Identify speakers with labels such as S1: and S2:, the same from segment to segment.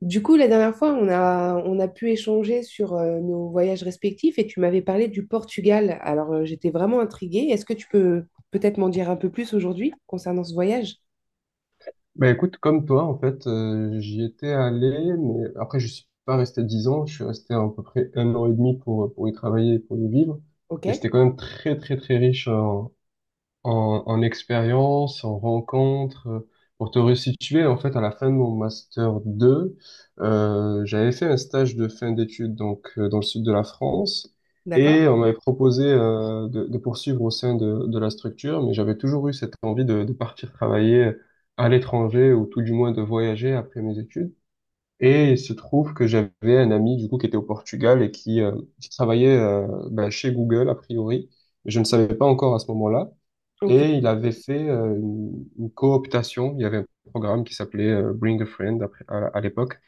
S1: Du coup, la dernière fois, on a pu échanger sur nos voyages respectifs et tu m'avais parlé du Portugal. Alors, j'étais vraiment intriguée. Est-ce que tu peux peut-être m'en dire un peu plus aujourd'hui concernant ce voyage?
S2: Bah écoute, comme toi, en fait, j'y étais allé, mais après, je suis pas resté 10 ans, je suis resté à, peu près 1 an et demi pour y travailler et pour y vivre.
S1: Ok,
S2: Mais c'était quand même très, très, très riche en, en expérience, en rencontre. Pour te resituer, en fait, à la fin de mon master 2, j'avais fait un stage de fin d'études donc dans le sud de la France
S1: d'accord.
S2: et on m'avait proposé de poursuivre au sein de la structure, mais j'avais toujours eu cette envie de partir travailler à l'étranger ou tout du moins de voyager après mes études. Et il se trouve que j'avais un ami du coup qui était au Portugal et qui travaillait chez Google a priori, mais je ne savais pas encore à ce moment-là.
S1: Ok.
S2: Et il avait fait une cooptation. Il y avait un programme qui s'appelait Bring a Friend à l'époque.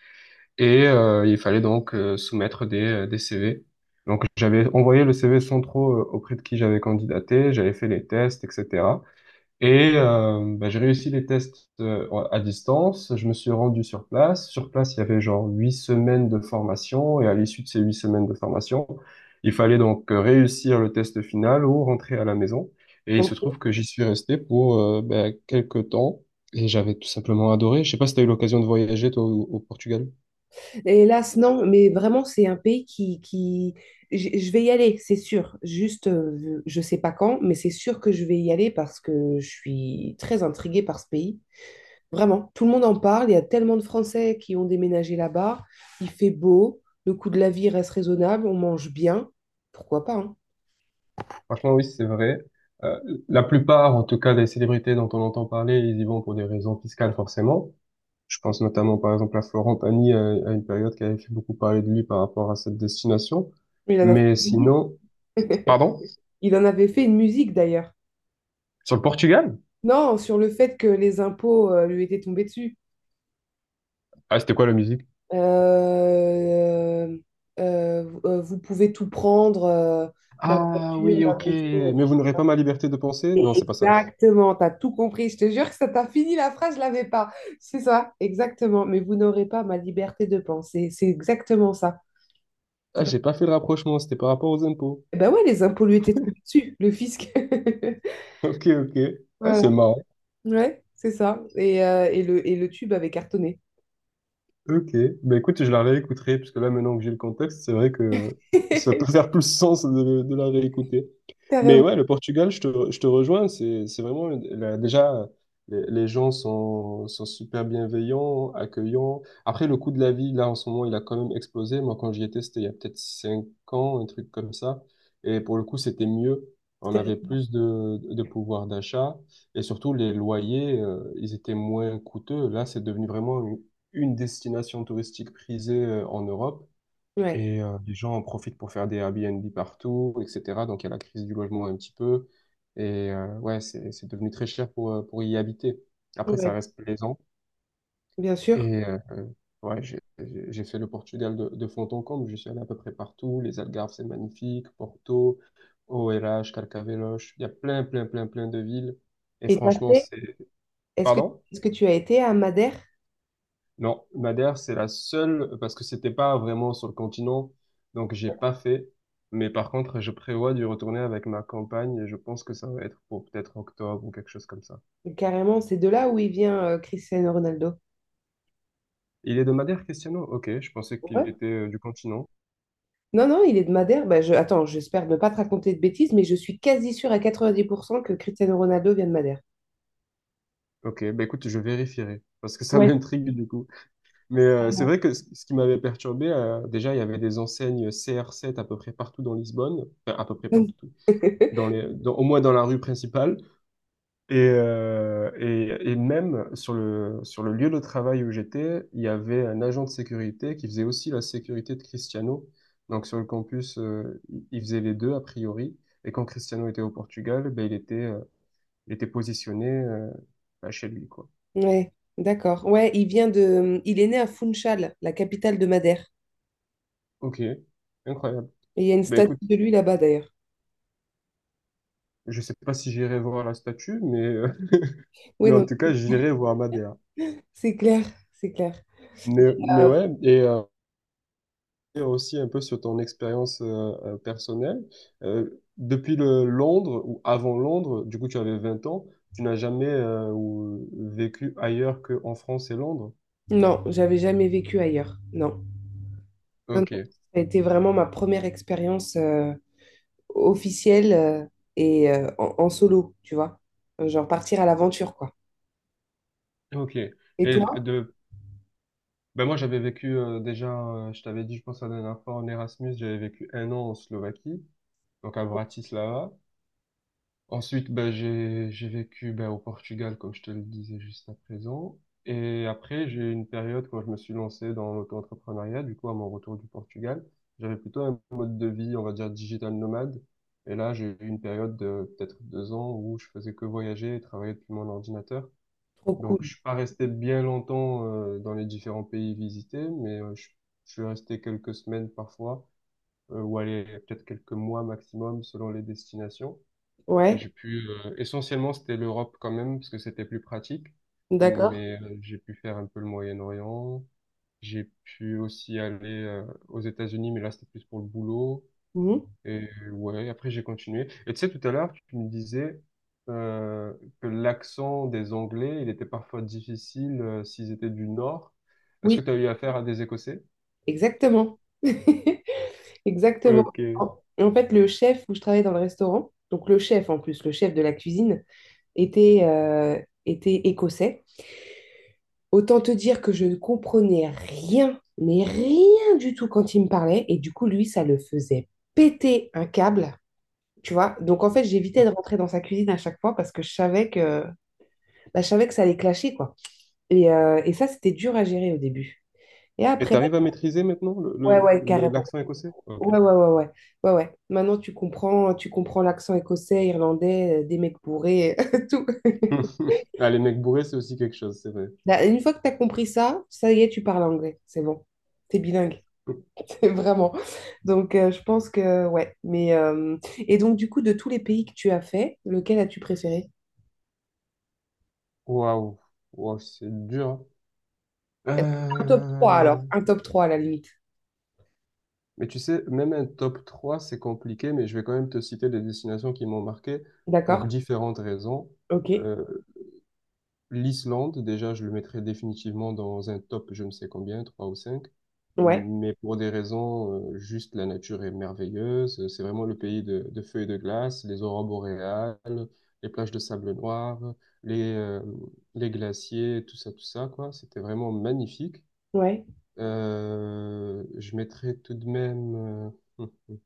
S2: Il fallait donc soumettre des CV. Donc j'avais envoyé le CV sans trop auprès de qui j'avais candidaté. J'avais fait les tests, etc. J'ai réussi les tests à distance. Je me suis rendu sur place. Sur place, il y avait genre 8 semaines de formation. Et à l'issue de ces 8 semaines de formation, il fallait donc réussir le test final ou rentrer à la maison. Et il se
S1: Ok.
S2: trouve que j'y suis resté pour quelques temps. Et j'avais tout simplement adoré. Je sais pas si tu as eu l'occasion de voyager, toi, au Portugal.
S1: Hélas, non, mais vraiment, c'est un pays qui. Je vais y aller, c'est sûr. Juste, je sais pas quand, mais c'est sûr que je vais y aller parce que je suis très intriguée par ce pays. Vraiment, tout le monde en parle. Il y a tellement de Français qui ont déménagé là-bas. Il fait beau, le coût de la vie reste raisonnable, on mange bien. Pourquoi pas, hein.
S2: Franchement, oui, c'est vrai. Euh, la plupart, en tout cas, des célébrités dont on entend parler, ils y vont pour des raisons fiscales, forcément. Je pense notamment, par exemple, à Florent Pagny, à une période qui avait fait beaucoup parler de lui par rapport à cette destination.
S1: Il en a fait
S2: Mais
S1: une musique.
S2: sinon, pardon?
S1: Il en avait fait une musique d'ailleurs.
S2: Sur le Portugal?
S1: Non, sur le fait que les impôts lui étaient tombés dessus.
S2: Ah, c'était quoi la musique?
S1: Euh, Vous pouvez tout prendre, ma
S2: Ah
S1: voiture,
S2: oui,
S1: ma
S2: ok.
S1: maison.
S2: Mais vous n'aurez pas ma liberté de penser? Non, c'est pas ça.
S1: Exactement, t'as tout compris. Je te jure que ça t'a fini la phrase, je l'avais pas. C'est ça, exactement. Mais vous n'aurez pas ma liberté de penser. C'est exactement ça. C'est
S2: Ah,
S1: pas-
S2: j'ai pas fait le rapprochement, c'était par rapport aux impôts.
S1: Eh ben ouais, les impôts lui étaient tombés dessus, le fisc.
S2: Ok, ok. Ah,
S1: Voilà.
S2: c'est marrant.
S1: Ouais, c'est ça. Et le tube avait cartonné.
S2: Ok, bah écoute, je la réécouterai, parce que là, maintenant que j'ai le contexte, c'est vrai que ça peut faire plus sens de la réécouter. Mais
S1: Carrément.
S2: ouais, le Portugal, je te rejoins, c'est vraiment, là, déjà, les gens sont super bienveillants, accueillants. Après, le coût de la vie, là, en ce moment, il a quand même explosé. Moi, quand j'y étais, c'était il y a peut-être 5 ans, un truc comme ça. Et pour le coup, c'était mieux. On
S1: C'était-
S2: avait plus de pouvoir d'achat. Et surtout, les loyers, ils étaient moins coûteux. Là, c'est devenu vraiment une destination touristique prisée en Europe
S1: Ouais,
S2: et les gens en profitent pour faire des Airbnb partout, etc. Donc il y a la crise du logement un petit peu et ouais, c'est devenu très cher pour y habiter. Après, ça
S1: ouais,
S2: reste plaisant
S1: bien sûr.
S2: et ouais, j'ai fait le Portugal de fond en comble, je suis allé à peu près partout, les Algarves c'est magnifique, Porto, OLH, Carcavelos, il y a plein, plein, plein, plein de villes et
S1: Et t'as
S2: franchement,
S1: fait,
S2: c'est...
S1: est-ce que,
S2: Pardon?
S1: est-ce que tu as été à Madère?
S2: Non, Madère, c'est la seule, parce que c'était pas vraiment sur le continent, donc j'ai pas fait. Mais par contre, je prévois d'y retourner avec ma campagne et je pense que ça va être pour peut-être octobre ou quelque chose comme ça.
S1: Carrément, c'est de là où il vient Cristiano Ronaldo.
S2: Il est de Madère, Cristiano? Ok, je pensais qu'il était du continent.
S1: Non, non, il est de Madère. Bah, Attends, j'espère ne pas te raconter de bêtises, mais je suis quasi sûre à 90% que Cristiano Ronaldo vient de Madère.
S2: Ok, bah écoute, je vérifierai, parce que ça
S1: Ouais.
S2: m'intrigue du coup. C'est vrai que ce qui m'avait perturbé, déjà, il y avait des enseignes CR7 à peu près partout dans Lisbonne, enfin, à peu près partout, au moins dans la rue principale. Et même sur le lieu de travail où j'étais, il y avait un agent de sécurité qui faisait aussi la sécurité de Cristiano. Donc sur le campus, il faisait les deux a priori. Et quand Cristiano était au Portugal, ben, il était positionné chez lui, quoi.
S1: Ouais, d'accord. Ouais, Il est né à Funchal, la capitale de Madère.
S2: Ok, incroyable.
S1: Et il y a une
S2: Ben
S1: statue
S2: écoute,
S1: de lui là-bas, d'ailleurs.
S2: je sais pas si j'irai voir la statue,
S1: Oui,
S2: mais en
S1: non,
S2: tout cas, j'irai voir Madea.
S1: c'est clair, c'est clair.
S2: Mais
S1: Euh,
S2: ouais, et, aussi un peu sur ton expérience personnelle. Depuis le Londres ou avant Londres, du coup tu avais 20 ans, tu n'as jamais vécu ailleurs qu'en France et Londres?
S1: non, j'avais jamais vécu ailleurs. Non. Non, non.
S2: Ok,
S1: Ça a été vraiment ma première expérience officielle et en solo, tu vois. Genre partir à l'aventure, quoi.
S2: ok.
S1: Et
S2: Et
S1: toi?
S2: de, ben moi j'avais vécu déjà, je t'avais dit, je pense la dernière fois en Erasmus, j'avais vécu 1 an en Slovaquie, donc à Bratislava. Ensuite, ben, j'ai vécu ben, au Portugal, comme je te le disais juste à présent. Et après, j'ai eu une période quand je me suis lancé dans l'auto-entrepreneuriat, du coup, à mon retour du Portugal, j'avais plutôt un mode de vie, on va dire, digital nomade. Et là, j'ai eu une période de peut-être 2 ans où je faisais que voyager et travailler depuis mon ordinateur.
S1: Trop cool.
S2: Donc, je suis pas resté bien longtemps dans les différents pays visités, mais je suis resté quelques semaines parfois, ou aller peut-être quelques mois maximum selon les destinations. Et
S1: Ouais.
S2: j'ai pu, essentiellement, c'était l'Europe quand même, parce que c'était plus pratique.
S1: D'accord.
S2: Mais j'ai pu faire un peu le Moyen-Orient. J'ai pu aussi aller aux États-Unis, mais là, c'était plus pour le boulot.
S1: Mhm.
S2: Ouais, après, j'ai continué. Et tu sais, tout à l'heure, tu me disais euh, que l'accent des Anglais, il était parfois difficile s'ils étaient du Nord. Est-ce que
S1: Oui,
S2: tu as eu affaire à des Écossais?
S1: exactement. Exactement.
S2: Ok.
S1: En fait, le chef où je travaillais dans le restaurant, donc le chef en plus, le chef de la cuisine, était, euh, était écossais. Autant te dire que je ne comprenais rien, mais rien du tout quand il me parlait. Et du coup, lui, ça le faisait péter un câble. Tu vois, donc en fait, j'évitais de rentrer dans sa cuisine à chaque fois parce que je savais que, bah, je savais que ça allait clasher, quoi. Et ça, c'était dur à gérer au début. Et
S2: Et
S1: après,
S2: t'arrives à maîtriser maintenant
S1: ouais, ouais, carrément.
S2: l'accent écossais? Ok.
S1: Ouais, ouais, ouais, ouais, ouais, ouais. Maintenant, tu comprends l'accent écossais, irlandais, des mecs bourrés, tout.
S2: Ah, les mecs bourrés, c'est aussi quelque chose, c'est vrai.
S1: Là, une fois que tu as compris ça, ça y est, tu parles anglais, c'est bon. T'es bilingue, c'est vraiment. Donc, je pense que, ouais. Mais. Et donc, du coup, de tous les pays que tu as fait, lequel as-tu préféré?
S2: Waouh, waouh, c'est dur,
S1: Un top trois alors.
S2: hein.
S1: Un top trois à la limite.
S2: Mais tu sais, même un top 3, c'est compliqué, mais je vais quand même te citer des destinations qui m'ont marqué pour
S1: D'accord?
S2: différentes raisons.
S1: Ok.
S2: Euh, L'Islande, déjà, je le mettrais définitivement dans un top, je ne sais combien, 3 ou 5.
S1: Ouais,
S2: Mais pour des raisons, juste la nature est merveilleuse. C'est vraiment le pays de feux et de glace, les aurores boréales, les plages de sable noir, les, euh, les glaciers, tout ça, quoi. C'était vraiment magnifique.
S1: ouais,
S2: Je mettrais tout de même,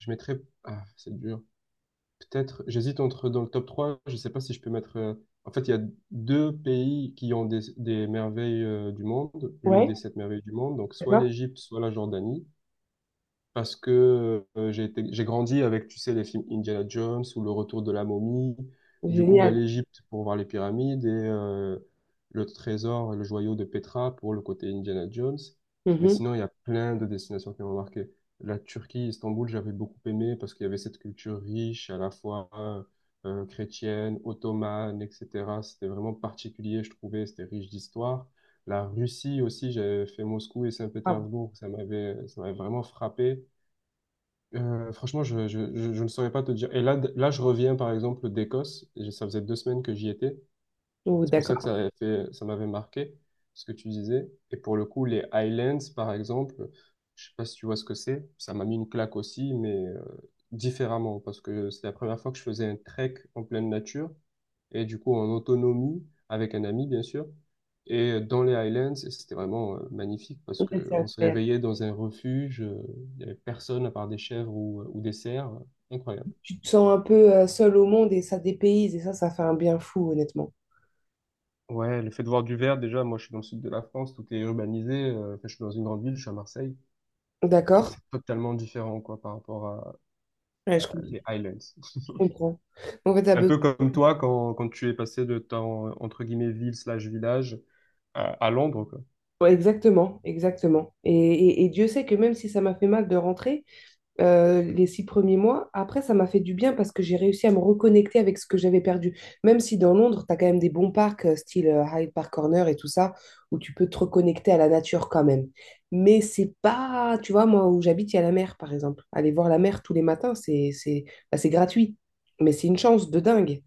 S2: je mettrais. Ah, c'est dur. Peut-être. J'hésite entre dans le top 3. Je ne sais pas si je peux mettre, en fait, il y a deux pays qui ont des merveilles du monde, l'une
S1: ouais.
S2: des sept merveilles du monde. Donc, soit
S1: D'accord?
S2: l'Égypte, soit la Jordanie parce que j'ai grandi avec, tu sais, les films Indiana Jones ou Le Retour de la momie. Du coup, ben,
S1: Génial.
S2: l'Égypte pour voir les pyramides et le trésor et le joyau de Petra pour le côté Indiana Jones. Mais
S1: Mhm.
S2: sinon, il y a plein de destinations qui m'ont marqué. La Turquie, Istanbul, j'avais beaucoup aimé parce qu'il y avait cette culture riche, à la fois chrétienne, ottomane, etc. C'était vraiment particulier, je trouvais, c'était riche d'histoire. La Russie aussi, j'avais fait Moscou et
S1: Ah bon.
S2: Saint-Pétersbourg, ça m'avait vraiment frappé. Franchement, je ne saurais pas te dire et je reviens, par exemple, d'Écosse. J'ai Ça faisait 2 semaines que j'y étais,
S1: Oh,
S2: c'est pour ça que
S1: d'accord.
S2: ça m'avait marqué ce que tu disais. Et pour le coup, les Highlands, par exemple, je sais pas si tu vois ce que c'est, ça m'a mis une claque aussi, mais différemment, parce que c'est la première fois que je faisais un trek en pleine nature, et du coup en autonomie, avec un ami, bien sûr. Et dans les Highlands, et c'était vraiment magnifique parce
S1: Ouais,
S2: que
S1: c'est
S2: on se
S1: incroyable.
S2: réveillait dans un refuge, il y avait personne à part des chèvres ou des cerfs, incroyable.
S1: Tu te sens un peu seul au monde et ça dépayse et ça fait un bien fou, honnêtement.
S2: Ouais, le fait de voir du vert, déjà, moi je suis dans le sud de la France, tout est urbanisé, enfin, je suis dans une grande ville, je suis à Marseille, donc
S1: D'accord?
S2: c'est totalement différent quoi par rapport
S1: Ouais, je
S2: à
S1: comprends.
S2: les Highlands.
S1: Je comprends. En fait, t'as
S2: Un
S1: besoin...
S2: peu comme toi quand, quand tu es passé de ta entre guillemets ville slash village à Londres, quoi.
S1: Ouais, exactement, exactement. Et Dieu sait que même si ça m'a fait mal de rentrer, les 6 premiers mois. Après, ça m'a fait du bien parce que j'ai réussi à me reconnecter avec ce que j'avais perdu. Même si dans Londres, tu as quand même des bons parcs, style Hyde Park Corner et tout ça, où tu peux te reconnecter à la nature quand même. Mais c'est pas, tu vois, moi où j'habite, il y a la mer, par exemple. Aller voir la mer tous les matins, bah, c'est gratuit. Mais c'est une chance de dingue.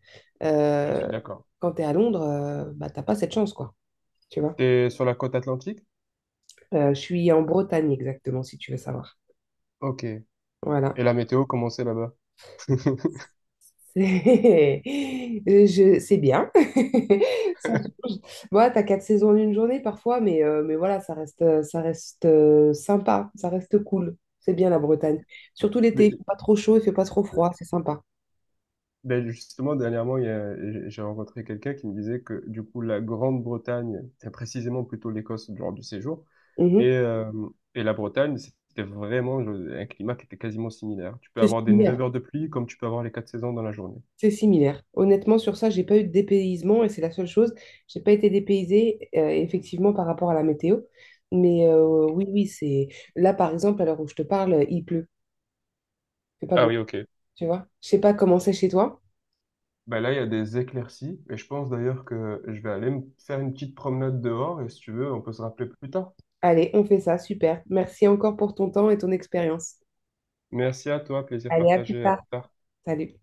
S2: Je
S1: Euh,
S2: suis d'accord.
S1: Quand tu es à Londres, bah, t'as pas cette chance, quoi. Tu vois.
S2: T'es sur la côte atlantique?
S1: Je suis en Bretagne exactement, si tu veux savoir.
S2: Ok. Et
S1: Voilà.
S2: la météo, comment c'est là-bas?
S1: C'est C'est bien. Ça change. Moi, t'as quatre saisons en une journée parfois, mais voilà, ça reste sympa, ça reste cool. C'est bien la Bretagne. Surtout l'été,
S2: Mais
S1: il fait pas trop chaud, il fait pas trop froid, c'est sympa.
S2: ben justement, dernièrement, j'ai rencontré quelqu'un qui me disait que du coup, la Grande-Bretagne, très précisément plutôt l'Écosse lors du séjour,
S1: Mhm.
S2: et, euh, et la Bretagne, c'était vraiment un climat qui était quasiment similaire. Tu peux
S1: C'est
S2: avoir des
S1: similaire.
S2: 9 heures de pluie comme tu peux avoir les 4 saisons dans la journée.
S1: C'est similaire. Honnêtement, sur ça, j'ai pas eu de dépaysement et c'est la seule chose. J'ai pas été dépaysée, effectivement, par rapport à la météo. Mais oui, oui, c'est. Là, par exemple, à l'heure où je te parle, il pleut. C'est pas
S2: Ah
S1: beau,
S2: oui, ok.
S1: tu vois. Je sais pas comment c'est chez toi.
S2: Ben là, il y a des éclaircies, et je pense d'ailleurs que je vais aller me faire une petite promenade dehors, et si tu veux, on peut se rappeler plus tard.
S1: Allez, on fait ça, super. Merci encore pour ton temps et ton expérience.
S2: Merci à toi, plaisir
S1: Allez, à plus
S2: partagé, à
S1: tard.
S2: plus tard.
S1: Salut.